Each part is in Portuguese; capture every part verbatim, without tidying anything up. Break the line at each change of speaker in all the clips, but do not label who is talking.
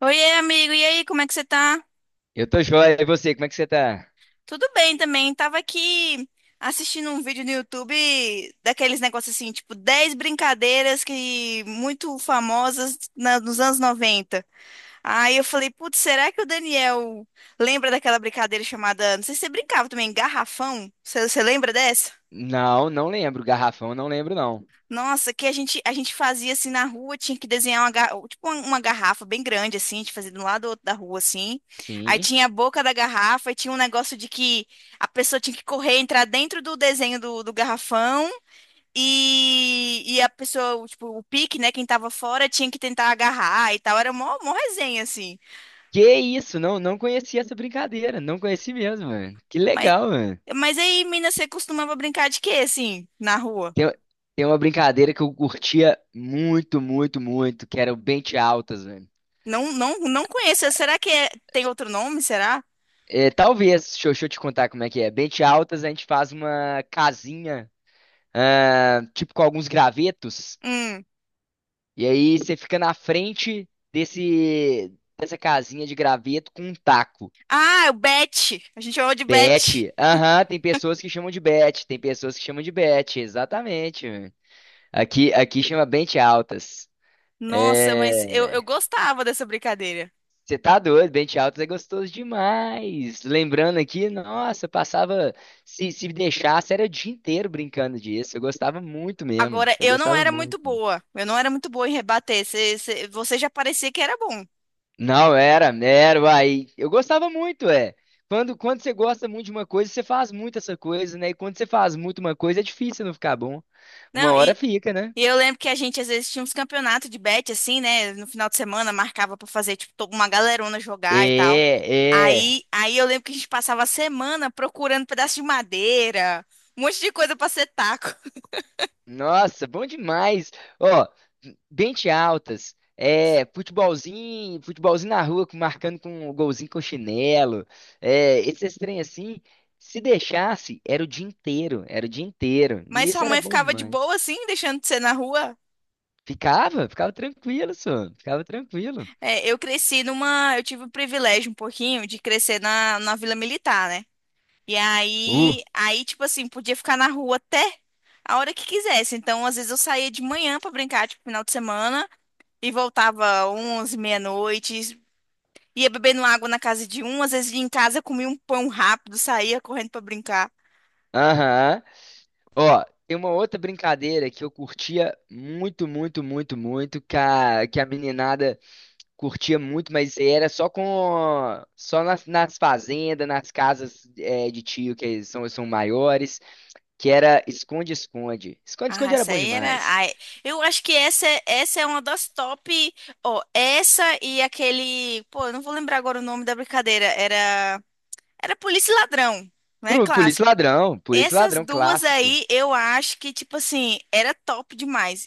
Oiê, amigo, e aí, como é que você tá?
Eu tô joia. E você, como é que você tá?
Tudo bem também, tava aqui assistindo um vídeo no YouTube daqueles negócios assim, tipo dez brincadeiras que muito famosas na- nos anos noventa. Aí eu falei, putz, será que o Daniel lembra daquela brincadeira chamada, não sei se você brincava também, garrafão? Você, você lembra dessa?
Não, não lembro. Garrafão, não lembro, não.
Nossa, que a gente, a gente fazia assim na rua, tinha que desenhar uma, ga- tipo uma, uma garrafa bem grande, assim, a gente fazia de um lado ou outro da rua, assim. Aí
Sim.
tinha a boca da garrafa, e tinha um negócio de que a pessoa tinha que correr, entrar dentro do desenho do, do garrafão, e, e a pessoa, tipo, o pique, né, quem tava fora, tinha que tentar agarrar e tal. Era mó, mó resenha, assim.
Que isso? Não, não conhecia essa brincadeira. Não conheci mesmo, mano. Que
Mas,
legal, mano.
mas aí, mina, você costumava brincar de quê, assim, na rua?
Tem, tem uma brincadeira que eu curtia muito, muito, muito, que era o Bente Altas, mano.
Não, não, não conheço. Será que é- tem outro nome? Será?
É, talvez, deixa eu, deixa eu te contar como é que é. Bente Altas, a gente faz uma casinha, ah, tipo com alguns gravetos,
Hum.
e aí você fica na frente desse, dessa casinha de graveto com um taco.
Ah, o Bet. A gente chamava de Bet.
Bet. Aham, tem pessoas que chamam de bet, tem pessoas que chamam de bet, exatamente. Mano. Aqui, aqui chama Bente altas.
Nossa, mas eu,
É,
eu gostava dessa brincadeira.
você tá doido, Bente altas é gostoso demais. Lembrando aqui, nossa, eu passava, se, se deixasse, era o dia inteiro brincando disso. Eu gostava muito mesmo,
Agora,
eu
eu não
gostava
era muito
muito.
boa. Eu não era muito boa em rebater. Cê- cê- você já parecia que era bom.
Não, era, era, uai. Eu gostava muito, é. Quando, quando você gosta muito de uma coisa, você faz muito essa coisa, né? E quando você faz muito uma coisa, é difícil não ficar bom. Uma
Não,
hora
e,
fica, né?
e eu lembro que a gente às vezes tinha uns campeonatos de bet, assim, né? No final de semana marcava pra fazer, tipo, to- uma galerona jogar e tal.
É, é.
Aí, aí eu lembro que a gente passava a semana procurando pedaço de madeira, um monte de coisa pra ser taco.
Nossa, bom demais. Ó, Bente altas. É, futebolzinho, futebolzinho na rua, com- marcando com o golzinho com chinelo. É, esses trem assim, se deixasse, era o dia inteiro, era o dia inteiro. E
Mas sua
isso era
mãe
bom
ficava de
demais.
boa, assim, deixando de ser na rua?
Ficava, ficava tranquilo, só, ficava tranquilo.
É, eu cresci numa. Eu tive o privilégio um pouquinho de crescer na, na Vila Militar, né? E
Uh,
aí, aí, tipo assim, podia ficar na rua até a hora que quisesse. Então, às vezes eu saía de manhã pra brincar, tipo, final de semana, e voltava onze, meia-noite, ia bebendo água na casa de um, às vezes ia em casa, comia um pão rápido, saía correndo pra brincar.
aham. Ó, tem uma outra brincadeira que eu curtia muito, muito, muito, muito, que a, que a meninada curtia muito, mas era só com só nas, nas fazendas, nas casas é, de tio que são, são maiores, que era esconde-esconde. Esconde-esconde
Ah,
era
essa
bom
aí era.
demais.
Ai, eu acho que essa, é- essa é uma das top. Ó, essa e aquele. Pô, eu não vou lembrar agora o nome da brincadeira. Era. Era polícia e ladrão, né?
Pro polícia
Clássico.
e ladrão, polícia e
Essas
ladrão
duas
clássico.
aí, eu acho que, tipo assim, era top demais.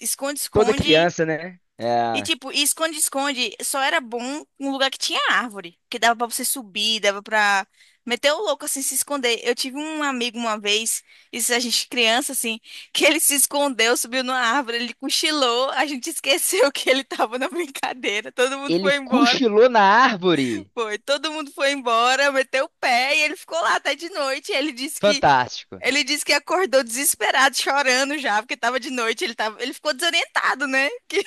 Toda
Esconde-esconde.
criança, né?
E,
É,
tipo, e esconde-esconde só era bom um lugar que tinha árvore, que dava pra você subir, dava pra meter o louco, assim, se esconder. Eu tive um amigo uma vez, isso a gente criança, assim, que ele se escondeu, subiu numa árvore, ele cochilou, a gente esqueceu que ele tava na brincadeira, todo mundo
ele
foi embora.
cochilou na árvore.
Foi, todo mundo foi embora, meteu o pé e ele ficou lá até de noite. Ele disse que
Fantástico.
ele disse que acordou desesperado, chorando já, porque tava de noite, ele tava, ele ficou desorientado, né? Que-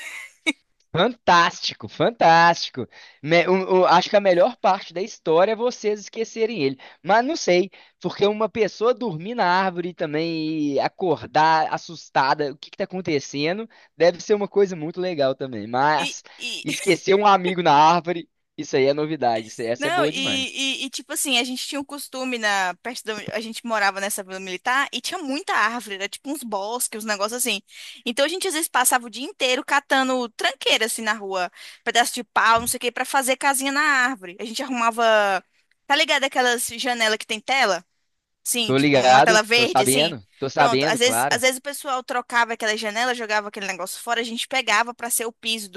Fantástico, fantástico. Me- o- o- acho que a melhor parte da história é vocês esquecerem ele. Mas não sei, porque uma pessoa dormir na árvore também e acordar assustada, o que que tá acontecendo, deve ser uma coisa muito legal também.
E,
Mas
e,
esquecer um amigo na árvore, isso aí é novidade. Isso- aí- essa é
Não,
boa
e,
demais.
e- e, tipo assim, a gente tinha um costume na perto da, a gente morava nessa vila militar e tinha muita árvore, era tipo uns bosques, uns negócios assim. Então a gente às vezes passava o dia inteiro catando tranqueira assim na rua, pedaço de pau, não sei o que, pra fazer casinha na árvore. A gente arrumava, tá ligado aquelas janela que tem tela? Sim,
Tô
tipo uma
ligado,
tela
tô
verde assim.
sabendo, tô
Pronto,
sabendo,
às vezes, às
claro.
vezes o pessoal trocava aquela janela, jogava aquele negócio fora, a gente pegava pra ser o piso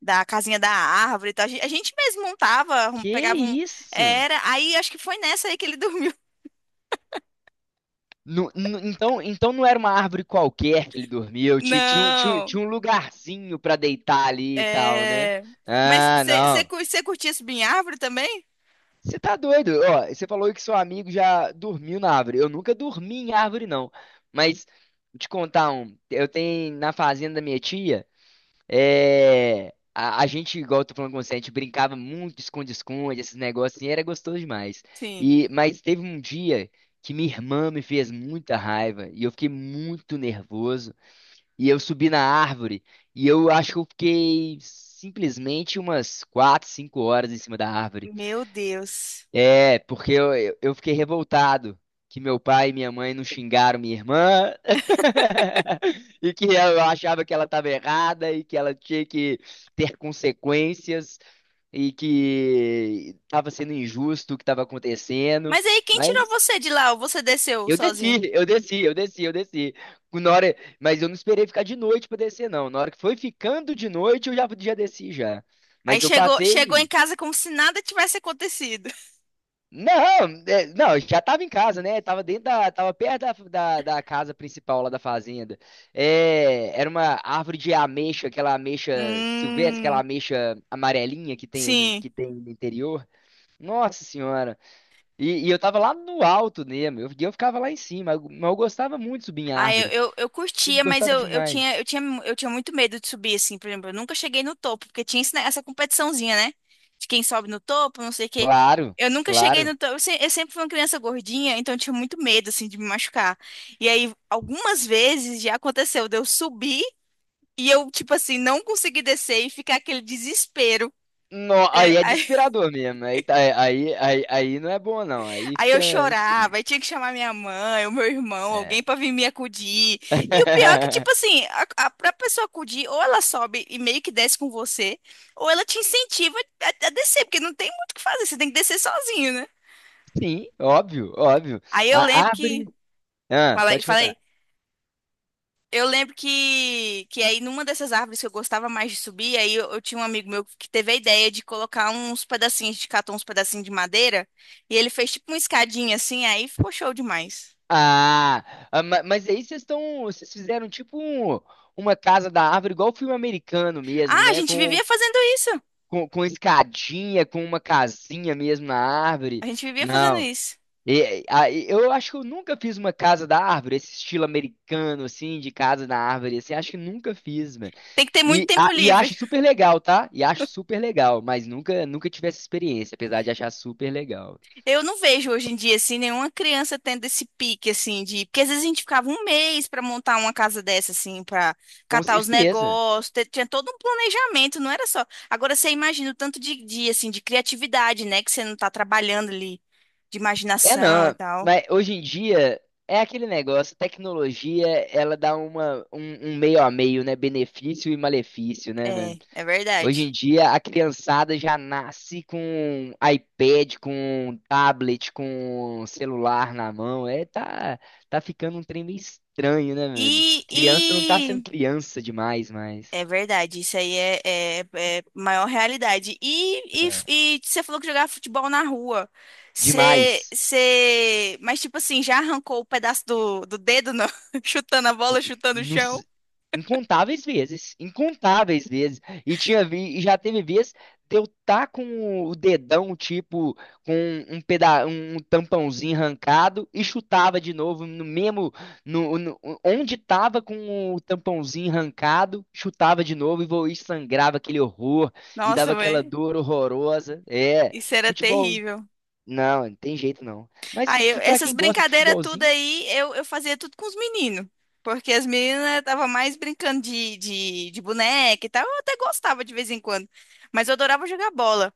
da casinha da árvore e tal. A gen- a gente mesmo montava, arrum-
Que
pegava um.
isso?
Era. Aí acho que foi nessa aí que ele dormiu.
No- no- então, então não era uma árvore qualquer que ele dormiu, ti- tinha, um- tinha, um
Não.
tinha um lugarzinho pra deitar ali e tal, né?
É. Mas
Ah, não.
você curtia subir em árvore também?
Você tá doido? Ó, você falou que seu amigo já dormiu na árvore. Eu nunca dormi em árvore, não. Mas, vou te contar um. Eu tenho na fazenda da minha tia. É, a, a gente, igual eu tô falando com você, a gente brincava muito de esconde-esconde, esses negócios, assim, era gostoso demais.
Sim.
E, mas teve um dia que minha irmã me fez muita raiva e eu fiquei muito nervoso. E eu subi na árvore e eu acho que eu fiquei simplesmente umas quatro cinco horas em cima da árvore.
Meu Deus.
É, porque eu, eu eu fiquei revoltado que meu pai e minha mãe não xingaram minha irmã e que eu achava que ela estava errada e que ela tinha que ter consequências e que estava sendo injusto o que estava acontecendo.
Mas aí quem tirou
Mas
você de lá? Ou você desceu
eu
sozinho?
desci, eu desci, eu desci, eu desci. Na hora, mas eu não esperei ficar de noite para descer, não. Na hora que foi ficando de noite, eu já, já desci já.
Aí
Mas eu
chegou,
passei.
chegou em casa como se nada tivesse acontecido.
Não, é, não, eu já tava em casa, né? Tava dentro da, tava perto da, da, da casa principal lá da fazenda. É, era uma árvore de ameixa, aquela ameixa silvestre, aquela
Hum,
ameixa amarelinha que tem
sim.
que tem no interior. Nossa senhora. E, e eu tava lá no alto mesmo. Eu, eu ficava lá em cima, mas eu gostava muito de subir em
Ah, eu,
árvore.
eu, eu
Eu
curtia, mas
gostava
eu, eu
demais.
tinha, eu tinha, eu tinha muito medo de subir, assim, por exemplo, eu nunca cheguei no topo, porque tinha esse ne- essa competiçãozinha, né? De quem sobe no topo, não sei o quê.
Claro,
Eu nunca cheguei
claro.
no topo, eu, se- eu sempre fui uma criança gordinha, então eu tinha muito medo, assim, de me machucar. E aí, algumas vezes já aconteceu de eu subir e eu, tipo assim, não conseguir descer e ficar aquele desespero.
No,
É,
aí é
aí
desesperador mesmo. Aí, tá- aí, aí, aí não é bom não. Aí
Aí eu
fica
chorava,
estranho.
aí tinha que chamar minha mãe, o meu irmão,
É.
alguém pra vir me acudir. E o pior é que, tipo assim, a, a, pra pessoa acudir, ou ela sobe e meio que desce com você, ou ela te incentiva a, a descer, porque não tem muito o que fazer, você tem que descer sozinho, né?
Sim, óbvio, óbvio.
Aí eu
A
lembro
árvore.
que.
Ah,
Falei,
pode contar.
falei. Eu lembro que, que aí numa dessas árvores que eu gostava mais de subir, aí eu, eu tinha um amigo meu que teve a ideia de colocar uns pedacinhos, de catar uns pedacinhos de madeira, e ele fez tipo uma escadinha assim, aí ficou show demais.
Ah, ah, ma- mas aí vocês estão. Vocês fizeram tipo um- uma casa da árvore, igual filme americano
Ah,
mesmo,
a
né?
gente
Com,
vivia fazendo isso.
com, com escadinha, com uma casinha mesmo na
A
árvore.
gente vivia fazendo
Não.
isso.
E- a- e- eu acho que eu nunca fiz uma casa da árvore, esse estilo americano, assim, de casa da árvore, assim, acho que nunca fiz, mano.
Tem que ter muito
E, a-
tempo
e acho
livre.
super legal, tá? E acho super legal, mas nunca, nunca tive essa experiência, apesar de achar super legal.
Eu não vejo hoje em dia, assim, nenhuma criança tendo esse pique, assim, de. Porque às vezes a gente ficava um mês para montar uma casa dessa, assim, para
Com
catar os
certeza.
negócios, te- tinha todo um planejamento, não era só. Agora você imagina o tanto de, de, assim, de criatividade, né, que você não tá trabalhando ali, de
É
imaginação e
não,
tal.
mas hoje em dia é aquele negócio, tecnologia, ela dá uma, um, um meio a meio, né? Benefício e malefício, né, mano?
É, é
Hoje em
verdade.
dia a criançada já nasce com iPad, com tablet, com celular na mão. É, tá, tá ficando um trem meio estranho, né, mano?
E,
Criança não tá sendo
e
criança demais, mais.
É verdade, isso aí é, é, é maior realidade. E, e,
É.
e você falou que jogava futebol na rua. Você,
Demais.
você... Mas, tipo assim, já arrancou o pedaço do, do dedo, não? Chutando a bola, chutando o chão?
Nos- incontáveis vezes, incontáveis vezes. E tinha vi, e já teve vez de eu tá com o dedão, tipo, com um peda um tampãozinho arrancado e chutava de novo no mesmo no, no- onde tava com o tampãozinho arrancado, chutava de novo e, vo- e sangrava aquele horror e dava
Nossa,
aquela
velho,
dor horrorosa. É,
isso era
futebol,
terrível.
não, não tem jeito não. Mas
Aí, eu-
que para
essas
quem gosta de
brincadeiras tudo
futebolzinho,
aí, eu, eu fazia tudo com os meninos. Porque as meninas estavam mais brincando de, de, de boneca e tal. Eu até gostava de vez em quando. Mas eu adorava jogar bola.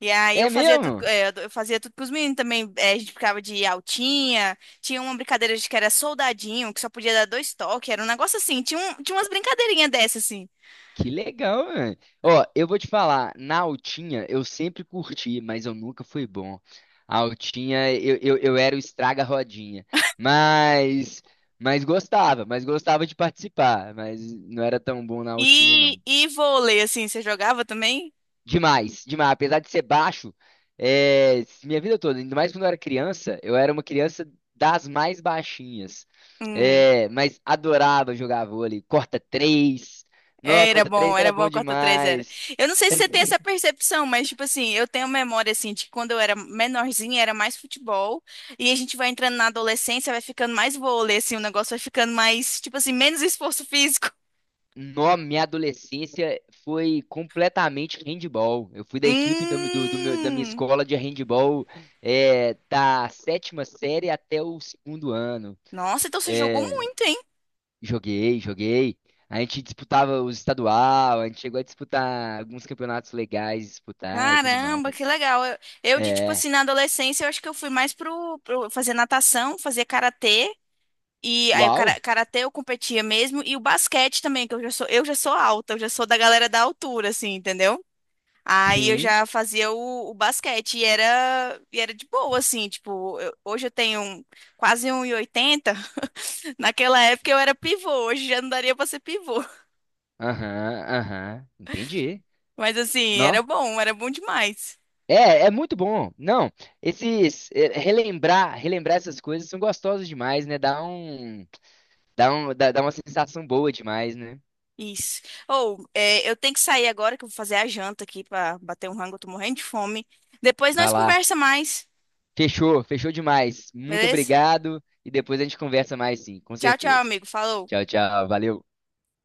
E aí eu
é
fazia tudo,
mesmo?
é, eu ado- eu fazia tudo com os meninos também. É, a gente ficava de altinha. Tinha uma brincadeira de que era soldadinho, que só podia dar dois toques. Era um negócio assim. Tinha, um, tinha umas brincadeirinhas dessas, assim.
Que legal, mano. Ó, eu vou te falar, na altinha eu sempre curti, mas eu nunca fui bom. A altinha, eu, eu, eu era o estraga-rodinha. Mas, mas gostava, mas gostava de participar. Mas não era tão bom na altinha,
E,
não.
e vôlei, assim, você jogava também?
Demais, demais. Apesar de ser baixo, é, minha vida toda, ainda mais quando eu era criança, eu era uma criança das mais baixinhas.
Hum.
É, mas adorava jogar vôlei. Corta três. Não,
Era
corta
bom,
três
era
era
bom
bom
a Cota três era.
demais.
Eu não sei se você tem essa percepção, mas tipo assim, eu tenho memória assim de quando eu era menorzinha, era mais futebol, e a gente vai entrando na adolescência, vai ficando mais vôlei assim, o negócio vai ficando mais, tipo assim, menos esforço físico.
no minha adolescência foi completamente handball. Eu fui da equipe do, do- do meu- da minha
Hum.
escola de handball, é, da sétima série até o segundo ano.
Nossa, então você jogou
É,
muito, hein?
joguei, joguei. A gente disputava os estadual, a gente chegou a disputar alguns campeonatos legais, disputar e tudo
Caramba, que
mais.
legal. Eu, eu de tipo
É,
assim, na adolescência, eu acho que eu fui mais pro, pro, fazer natação, fazer karatê. E aí o cara-
uau,
karatê eu competia mesmo e o basquete também, que eu já sou, eu já sou alta, eu já sou da galera da altura assim, entendeu? Aí eu
sim,
já fazia o, o basquete e era e era de boa assim, tipo, eu- hoje eu tenho um- quase um e oitenta. Naquela época eu era pivô, hoje já não daria pra ser pivô.
aham, aham, entendi.
Mas assim, era bom, era bom demais.
É, é muito bom. Não, esses é, relembrar, relembrar essas coisas são gostosas demais, né? Dá um, dá um, dá, dá uma sensação boa demais, né?
Isso. Ou, é, eu tenho que sair agora que eu vou fazer a janta aqui pra bater um rango, eu tô morrendo de fome. Depois
Vai
nós
lá.
conversa mais,
Fechou, fechou demais. Muito
beleza?
obrigado e depois a gente conversa mais sim, com
Tchau, tchau,
certeza.
amigo. Falou.
Tchau, tchau. Valeu.